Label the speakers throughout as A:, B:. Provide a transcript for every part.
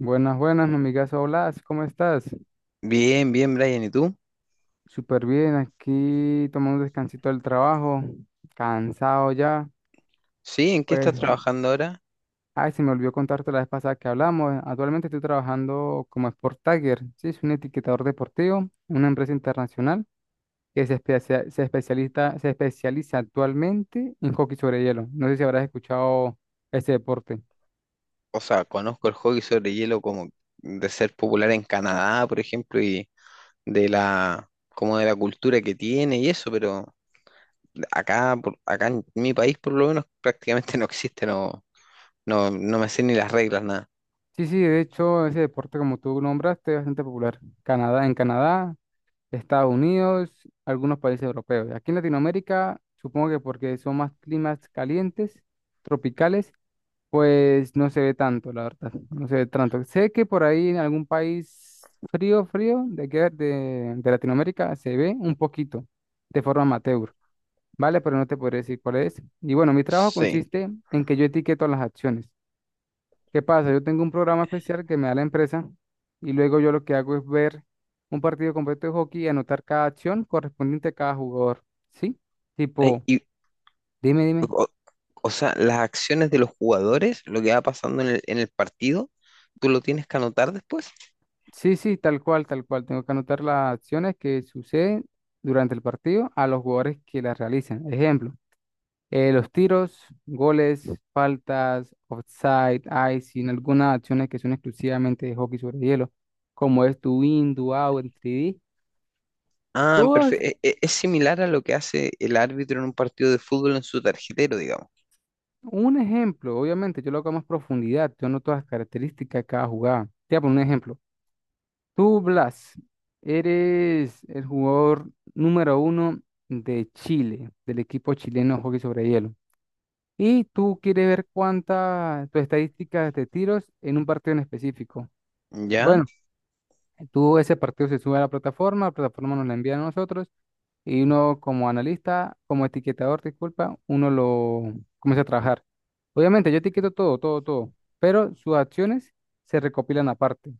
A: Buenas, buenas, mi amigazo. Hola, ¿cómo estás?
B: Bien, bien, Brian, ¿y tú?
A: Súper bien, aquí tomando un descansito del trabajo, cansado ya.
B: Sí, ¿en qué
A: Pues,
B: estás trabajando ahora?
A: ay, se me olvidó contarte la vez pasada que hablamos. Actualmente estoy trabajando como Sport Tagger, sí, soy un etiquetador deportivo, en una empresa internacional que se especializa, actualmente en hockey sobre hielo. No sé si habrás escuchado ese deporte.
B: O sea, conozco el hockey sobre hielo como de ser popular en Canadá, por ejemplo, y de la cultura que tiene y eso, pero acá en mi país por lo menos prácticamente no existe, no me sé ni las reglas nada.
A: Sí, sí, de hecho, ese deporte, como tú nombraste, es bastante popular. Canadá, en Canadá, Estados Unidos, algunos países europeos. Aquí en Latinoamérica, supongo que porque son más climas calientes, tropicales, pues no se ve tanto, la verdad, no se ve tanto. Sé que por ahí en algún país frío, frío, de, aquí de Latinoamérica, se ve un poquito, de forma amateur, ¿vale? Pero no te podré decir cuál es. Y bueno, mi trabajo
B: Sí.
A: consiste en que yo etiqueto las acciones. ¿Qué pasa? Yo tengo un programa especial que me da la empresa y luego yo lo que hago es ver un partido completo de hockey y anotar cada acción correspondiente a cada jugador. ¿Sí?
B: Eh,
A: Tipo,
B: Y
A: dime, dime.
B: o, o sea, las acciones de los jugadores, lo que va pasando en el partido, ¿tú lo tienes que anotar después?
A: Sí, sí, tal cual, tal cual. Tengo que anotar las acciones que suceden durante el partido a los jugadores que las realizan. Ejemplo, los tiros, goles, faltas, offside, icing, algunas acciones que son exclusivamente de hockey sobre hielo, como es do in, do out, en tres d.
B: Ah,
A: Todas.
B: perfecto. Es, similar a lo que hace el árbitro en un partido de fútbol en su tarjetero, digamos.
A: Un ejemplo, obviamente, yo lo hago a más profundidad, yo noto las características de cada jugada. Te voy a poner un ejemplo. Tú, Blas, eres el jugador número uno de Chile, del equipo chileno de hockey sobre hielo. Y tú quieres ver cuántas tus estadísticas de tiros en un partido en específico.
B: ¿Ya?
A: Bueno, tú ese partido se sube a la plataforma nos la envía a nosotros y uno como analista, como etiquetador, disculpa, uno lo comienza a trabajar. Obviamente, yo etiqueto todo, todo, todo, pero sus acciones se recopilan aparte.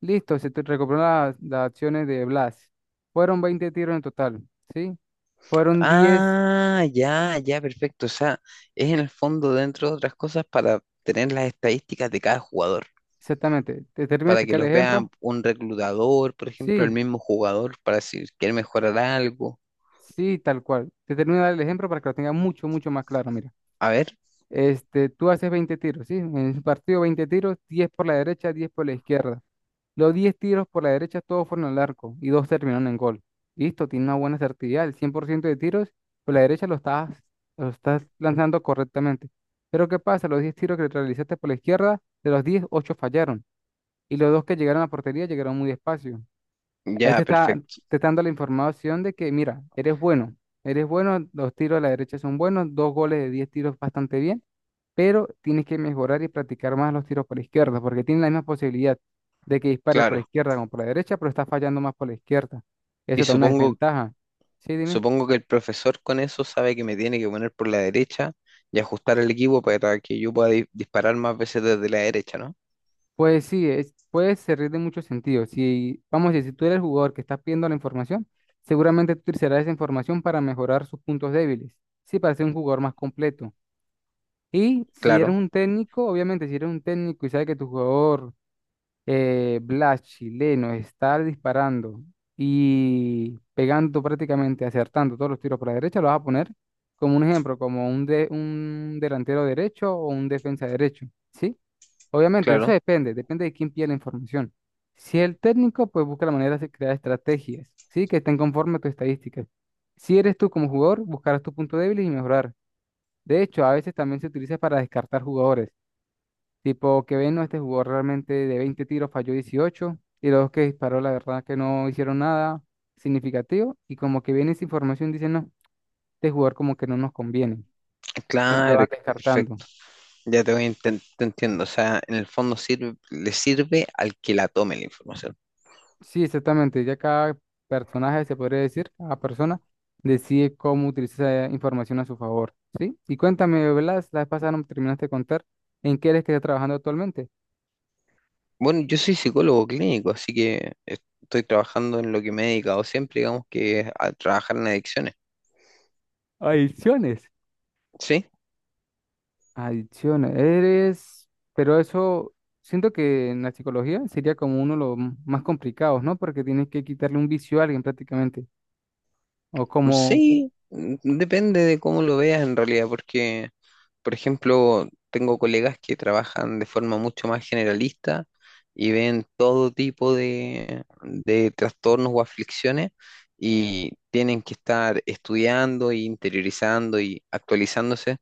A: Listo, se te recopilan las acciones de Blas. Fueron 20 tiros en total, ¿sí? Fueron 10
B: Ah, ya, ya, perfecto. O sea, es en el fondo, dentro de otras cosas, para tener las estadísticas de cada jugador,
A: exactamente. ¿Te termino de
B: para que
A: explicar el
B: los vea
A: ejemplo?
B: un reclutador, por ejemplo, el
A: Sí,
B: mismo jugador, para si quiere mejorar algo.
A: sí, tal cual. Te termino de dar el ejemplo para que lo tenga mucho, mucho más claro, mira.
B: A ver,
A: Este, tú haces 20 tiros, ¿sí? En un partido 20 tiros, 10 por la derecha, 10 por la izquierda. Los 10 tiros por la derecha todos fueron al arco y dos terminaron en gol. Listo, tiene una buena certidumbre. El 100% de tiros por la derecha lo estás lanzando correctamente. Pero ¿qué pasa? Los 10 tiros que realizaste por la izquierda, de los diez, 8 fallaron. Y los dos que llegaron a la portería llegaron muy despacio. Ahí
B: ya, perfecto.
A: te está dando la información de que, mira, eres bueno, los tiros a la derecha son buenos, dos goles de 10 tiros bastante bien, pero tienes que mejorar y practicar más los tiros por la izquierda, porque tiene la misma posibilidad de que dispare por la
B: Claro.
A: izquierda como por la derecha, pero está fallando más por la izquierda.
B: Y
A: Eso te da una
B: supongo
A: desventaja. Sí, dime.
B: Supongo que el profesor con eso sabe que me tiene que poner por la derecha y ajustar el equipo para que yo pueda disparar más veces desde la derecha, ¿no?
A: Pues sí, es, puede servir de muchos sentidos. Si, vamos a decir, si tú eres el jugador que estás pidiendo la información, seguramente tú utilizarás esa información para mejorar sus puntos débiles. Sí, para ser un jugador más completo. Y si eres
B: Claro,
A: un técnico, obviamente, si eres un técnico y sabes que tu jugador, Blas chileno, está disparando y pegando prácticamente, acertando todos los tiros por la derecha, lo vas a poner como un ejemplo, como un, de, un delantero derecho o un defensa derecho, ¿sí? Obviamente, eso
B: claro,
A: depende, depende de quién pide la información. Si el técnico, pues busca la manera de crear estrategias, ¿sí? Que estén conforme a tus estadísticas. Si eres tú como jugador, buscarás tus puntos débiles y mejorar. De hecho, a veces también se utiliza para descartar jugadores. Tipo que ven, no, este jugador realmente de 20 tiros falló 18 y los que disparó, la verdad que no hicieron nada significativo y como que viene esa información, dicen, no, este jugador como que no nos conviene y lo
B: claro,
A: van descartando.
B: perfecto. Ya te voy, te entiendo. O sea, en el fondo sirve, le sirve al que la tome la información.
A: Sí, exactamente, ya cada personaje, se podría decir, cada persona decide cómo utilizar esa información a su favor, ¿sí? Y cuéntame, Blas, la vez pasada no me terminaste de contar en qué eres que estás trabajando actualmente.
B: Bueno, yo soy psicólogo clínico, así que estoy trabajando en lo que me he dedicado siempre, digamos que es a trabajar en adicciones.
A: Adiciones.
B: ¿Sí?
A: Adicciones. Eres, pero eso, siento que en la psicología sería como uno de los más complicados, ¿no? Porque tienes que quitarle un vicio a alguien prácticamente. O como,
B: Sí, mm, depende de cómo lo veas en realidad, porque, por ejemplo, tengo colegas que trabajan de forma mucho más generalista y ven todo tipo de trastornos o aflicciones y tienen que estar estudiando e interiorizando y actualizándose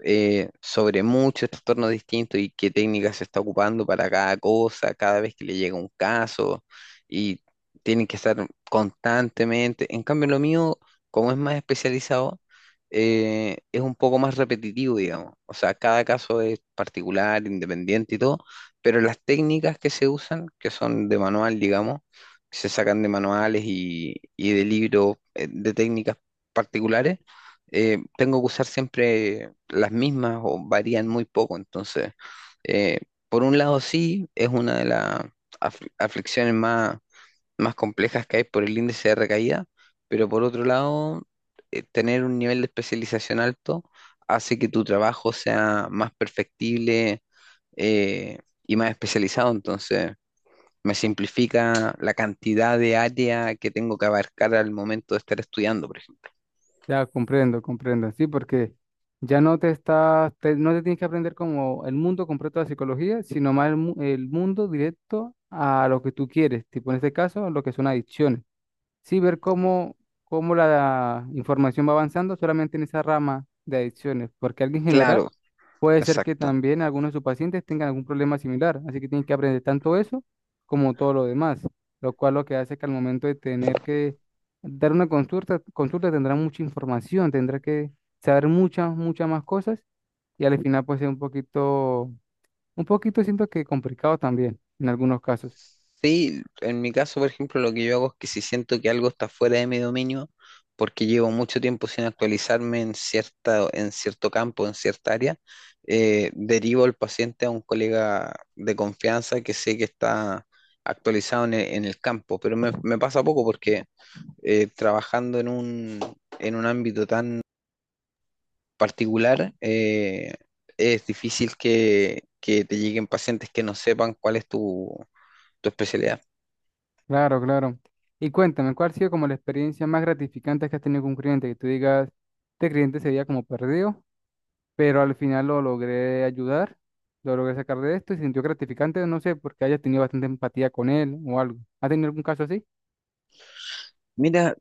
B: sobre muchos trastornos distintos y qué técnica se está ocupando para cada cosa, cada vez que le llega un caso y tienen que estar constantemente. En cambio, lo mío, como es más especializado, es un poco más repetitivo, digamos. O sea, cada caso es particular, independiente y todo, pero las técnicas que se usan, que son de manual, digamos, que se sacan de manuales y de libros de técnicas particulares, tengo que usar siempre las mismas o varían muy poco. Entonces, eh, por un lado sí, es una de las aflicciones más, más complejas que hay por el índice de recaída, pero por otro lado, tener un nivel de especialización alto hace que tu trabajo sea más perfectible eh, y más especializado. Entonces, me simplifica la cantidad de área que tengo que abarcar al momento de estar estudiando, por ejemplo.
A: ya comprendo, comprendo, sí, porque ya no te estás, no te tienes que aprender como el mundo completo de la psicología, sino más el, el mundo directo a lo que tú quieres, tipo en este caso, lo que son adicciones. Sí, ver cómo, cómo la información va avanzando solamente en esa rama de adicciones, porque alguien general
B: Claro,
A: puede ser que
B: exacto.
A: también algunos de sus pacientes tengan algún problema similar, así que tienen que aprender tanto eso como todo lo demás, lo cual lo que hace es que al momento de tener que dar una consulta, consulta tendrá mucha información, tendrá que saber muchas, muchas más cosas y al final puede ser un poquito siento que complicado también en algunos casos.
B: Sí, en mi caso, por ejemplo, lo que yo hago es que si siento que algo está fuera de mi dominio, porque llevo mucho tiempo sin actualizarme en cierta, en cierto campo, en cierta área, derivo al paciente a un colega de confianza que sé que está actualizado en el campo. Pero me pasa poco porque trabajando en un ámbito tan particular, es difícil que te lleguen pacientes que no sepan cuál es tu tu especialidad.
A: Claro, claro. Y cuéntame, ¿cuál ha sido como la experiencia más gratificante que has tenido con un cliente? Que tú digas, este cliente se veía como perdido pero al final lo logré ayudar, lo logré sacar de esto y se sintió gratificante, no sé, porque haya tenido bastante empatía con él o algo. ¿Ha tenido algún caso así?
B: Mira,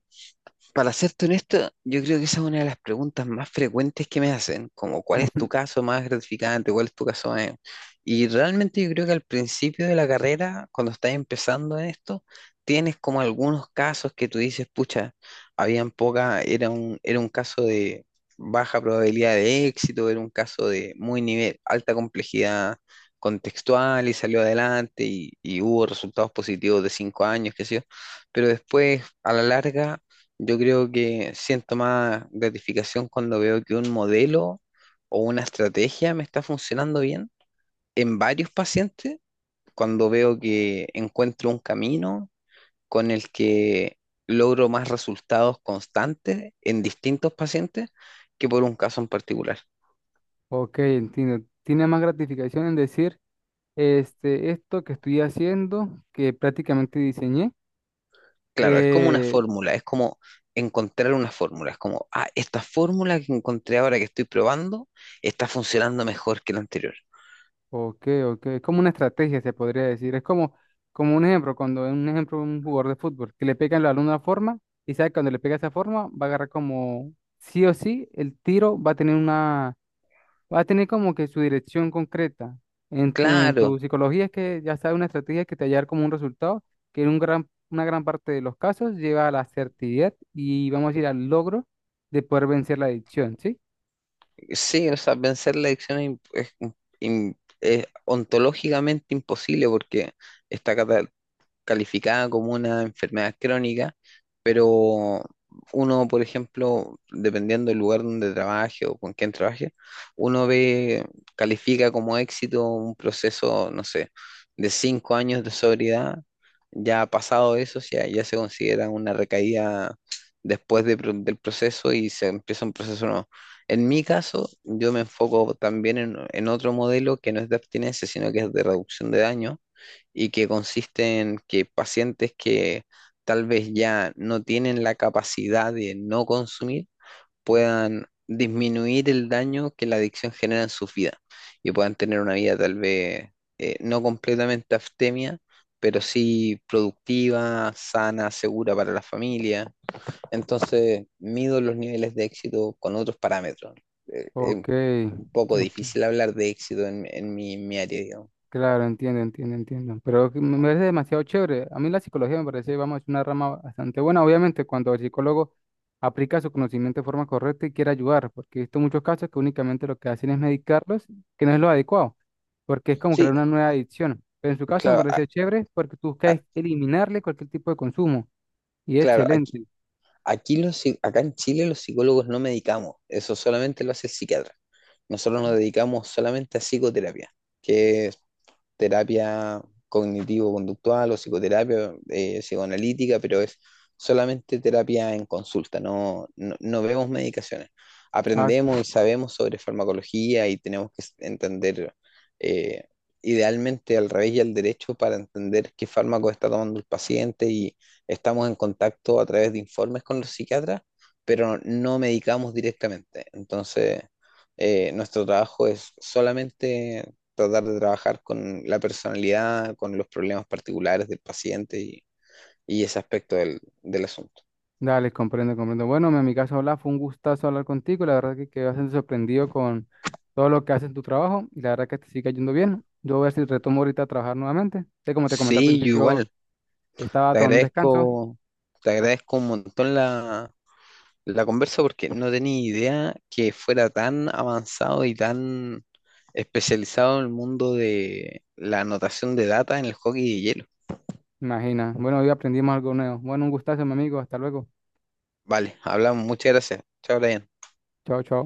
B: para serte honesto, yo creo que esa es una de las preguntas más frecuentes que me hacen, como cuál es tu caso más gratificante, cuál es tu caso más... Y realmente yo creo que al principio de la carrera, cuando estás empezando en esto, tienes como algunos casos que tú dices, pucha, habían poca, era un caso de baja probabilidad de éxito, era un caso de muy nivel, alta complejidad contextual y salió adelante y hubo resultados positivos de 5 años, qué sé yo, pero después a la larga yo creo que siento más gratificación cuando veo que un modelo o una estrategia me está funcionando bien en varios pacientes, cuando veo que encuentro un camino con el que logro más resultados constantes en distintos pacientes que por un caso en particular.
A: Ok, entiendo. Tiene más gratificación en decir, este, esto que estoy haciendo, que prácticamente diseñé.
B: Claro, es como una
A: eh,
B: fórmula, es como encontrar una fórmula, es como, ah, esta fórmula que encontré ahora que estoy probando está funcionando mejor que la anterior.
A: ok, ok. Es como una estrategia, se podría decir. Es como, como un ejemplo, cuando un ejemplo un jugador de fútbol, que le pega el balón de una forma, y sabe que cuando le pega esa forma, va a agarrar como sí o sí, el tiro va a tener una. Va a tener como que su dirección concreta. En tu
B: Claro,
A: psicología es que ya sabes una estrategia que te va a llevar como un resultado, que en un gran, una gran parte de los casos lleva a la certidumbre y vamos a ir al logro de poder vencer la adicción, ¿sí?
B: sí, o sea, vencer la adicción es, es ontológicamente imposible porque está calificada como una enfermedad crónica, pero uno, por ejemplo, dependiendo del lugar donde trabaje o con quién trabaje, uno ve, califica como éxito un proceso, no sé, de 5 años de sobriedad. Ya pasado eso, ya, ya se considera una recaída después del proceso y se empieza un proceso nuevo. En mi caso, yo me enfoco también en otro modelo que no es de abstinencia, sino que es de reducción de daño, y que consiste en que pacientes que tal vez ya no tienen la capacidad de no consumir puedan disminuir el daño que la adicción genera en su vida y puedan tener una vida tal vez no completamente abstemia, pero sí productiva, sana, segura para la familia. Entonces, mido los niveles de éxito con otros parámetros. Eh, eh,
A: Ok,
B: un poco
A: ok.
B: difícil hablar de éxito en mi, mi área, digamos.
A: Claro, entiendo, entiendo, entiendo. Pero que me parece demasiado chévere. A mí la psicología me parece, vamos, una rama bastante buena. Obviamente, cuando el psicólogo aplica su conocimiento de forma correcta y quiere ayudar, porque he visto muchos casos que únicamente lo que hacen es medicarlos, que no es lo adecuado, porque es como
B: Sí,
A: crear una nueva adicción. Pero en su caso me
B: claro,
A: parece chévere porque tú buscas eliminarle cualquier tipo de consumo y es
B: claro, aquí,
A: excelente.
B: aquí los, acá en Chile los psicólogos no medicamos, eso solamente lo hace el psiquiatra. Nosotros nos dedicamos solamente a psicoterapia, que terapia cognitivo-conductual o psicoterapia psicoanalítica, pero es solamente terapia en consulta, no vemos medicaciones.
A: Ah,
B: Aprendemos y sabemos sobre farmacología y tenemos que entender eh, idealmente al revés y al derecho para entender qué fármaco está tomando el paciente y estamos en contacto a través de informes con los psiquiatras, pero no medicamos directamente. Entonces, nuestro trabajo es solamente tratar de trabajar con la personalidad, con los problemas particulares del paciente y ese aspecto del, del asunto.
A: Dale, comprendo, comprendo. Bueno, mi amigazo, hola, fue un gustazo hablar contigo. La verdad que quedé bastante sorprendido con todo lo que haces en tu trabajo y la verdad que te sigue yendo bien. Yo voy a ver si retomo ahorita a trabajar nuevamente. Sé como te comenté al
B: Sí, yo
A: principio,
B: igual,
A: estaba
B: te
A: tomando un descanso.
B: agradezco, te agradezco un montón la, la conversa porque no tenía idea que fuera tan avanzado y tan especializado en el mundo de la anotación de data en el hockey de hielo.
A: Imagina. Bueno, hoy aprendimos algo nuevo. Bueno, un gustazo, mi amigo. Hasta luego.
B: Vale, hablamos, muchas gracias. Chao, Brian.
A: Chao, chao.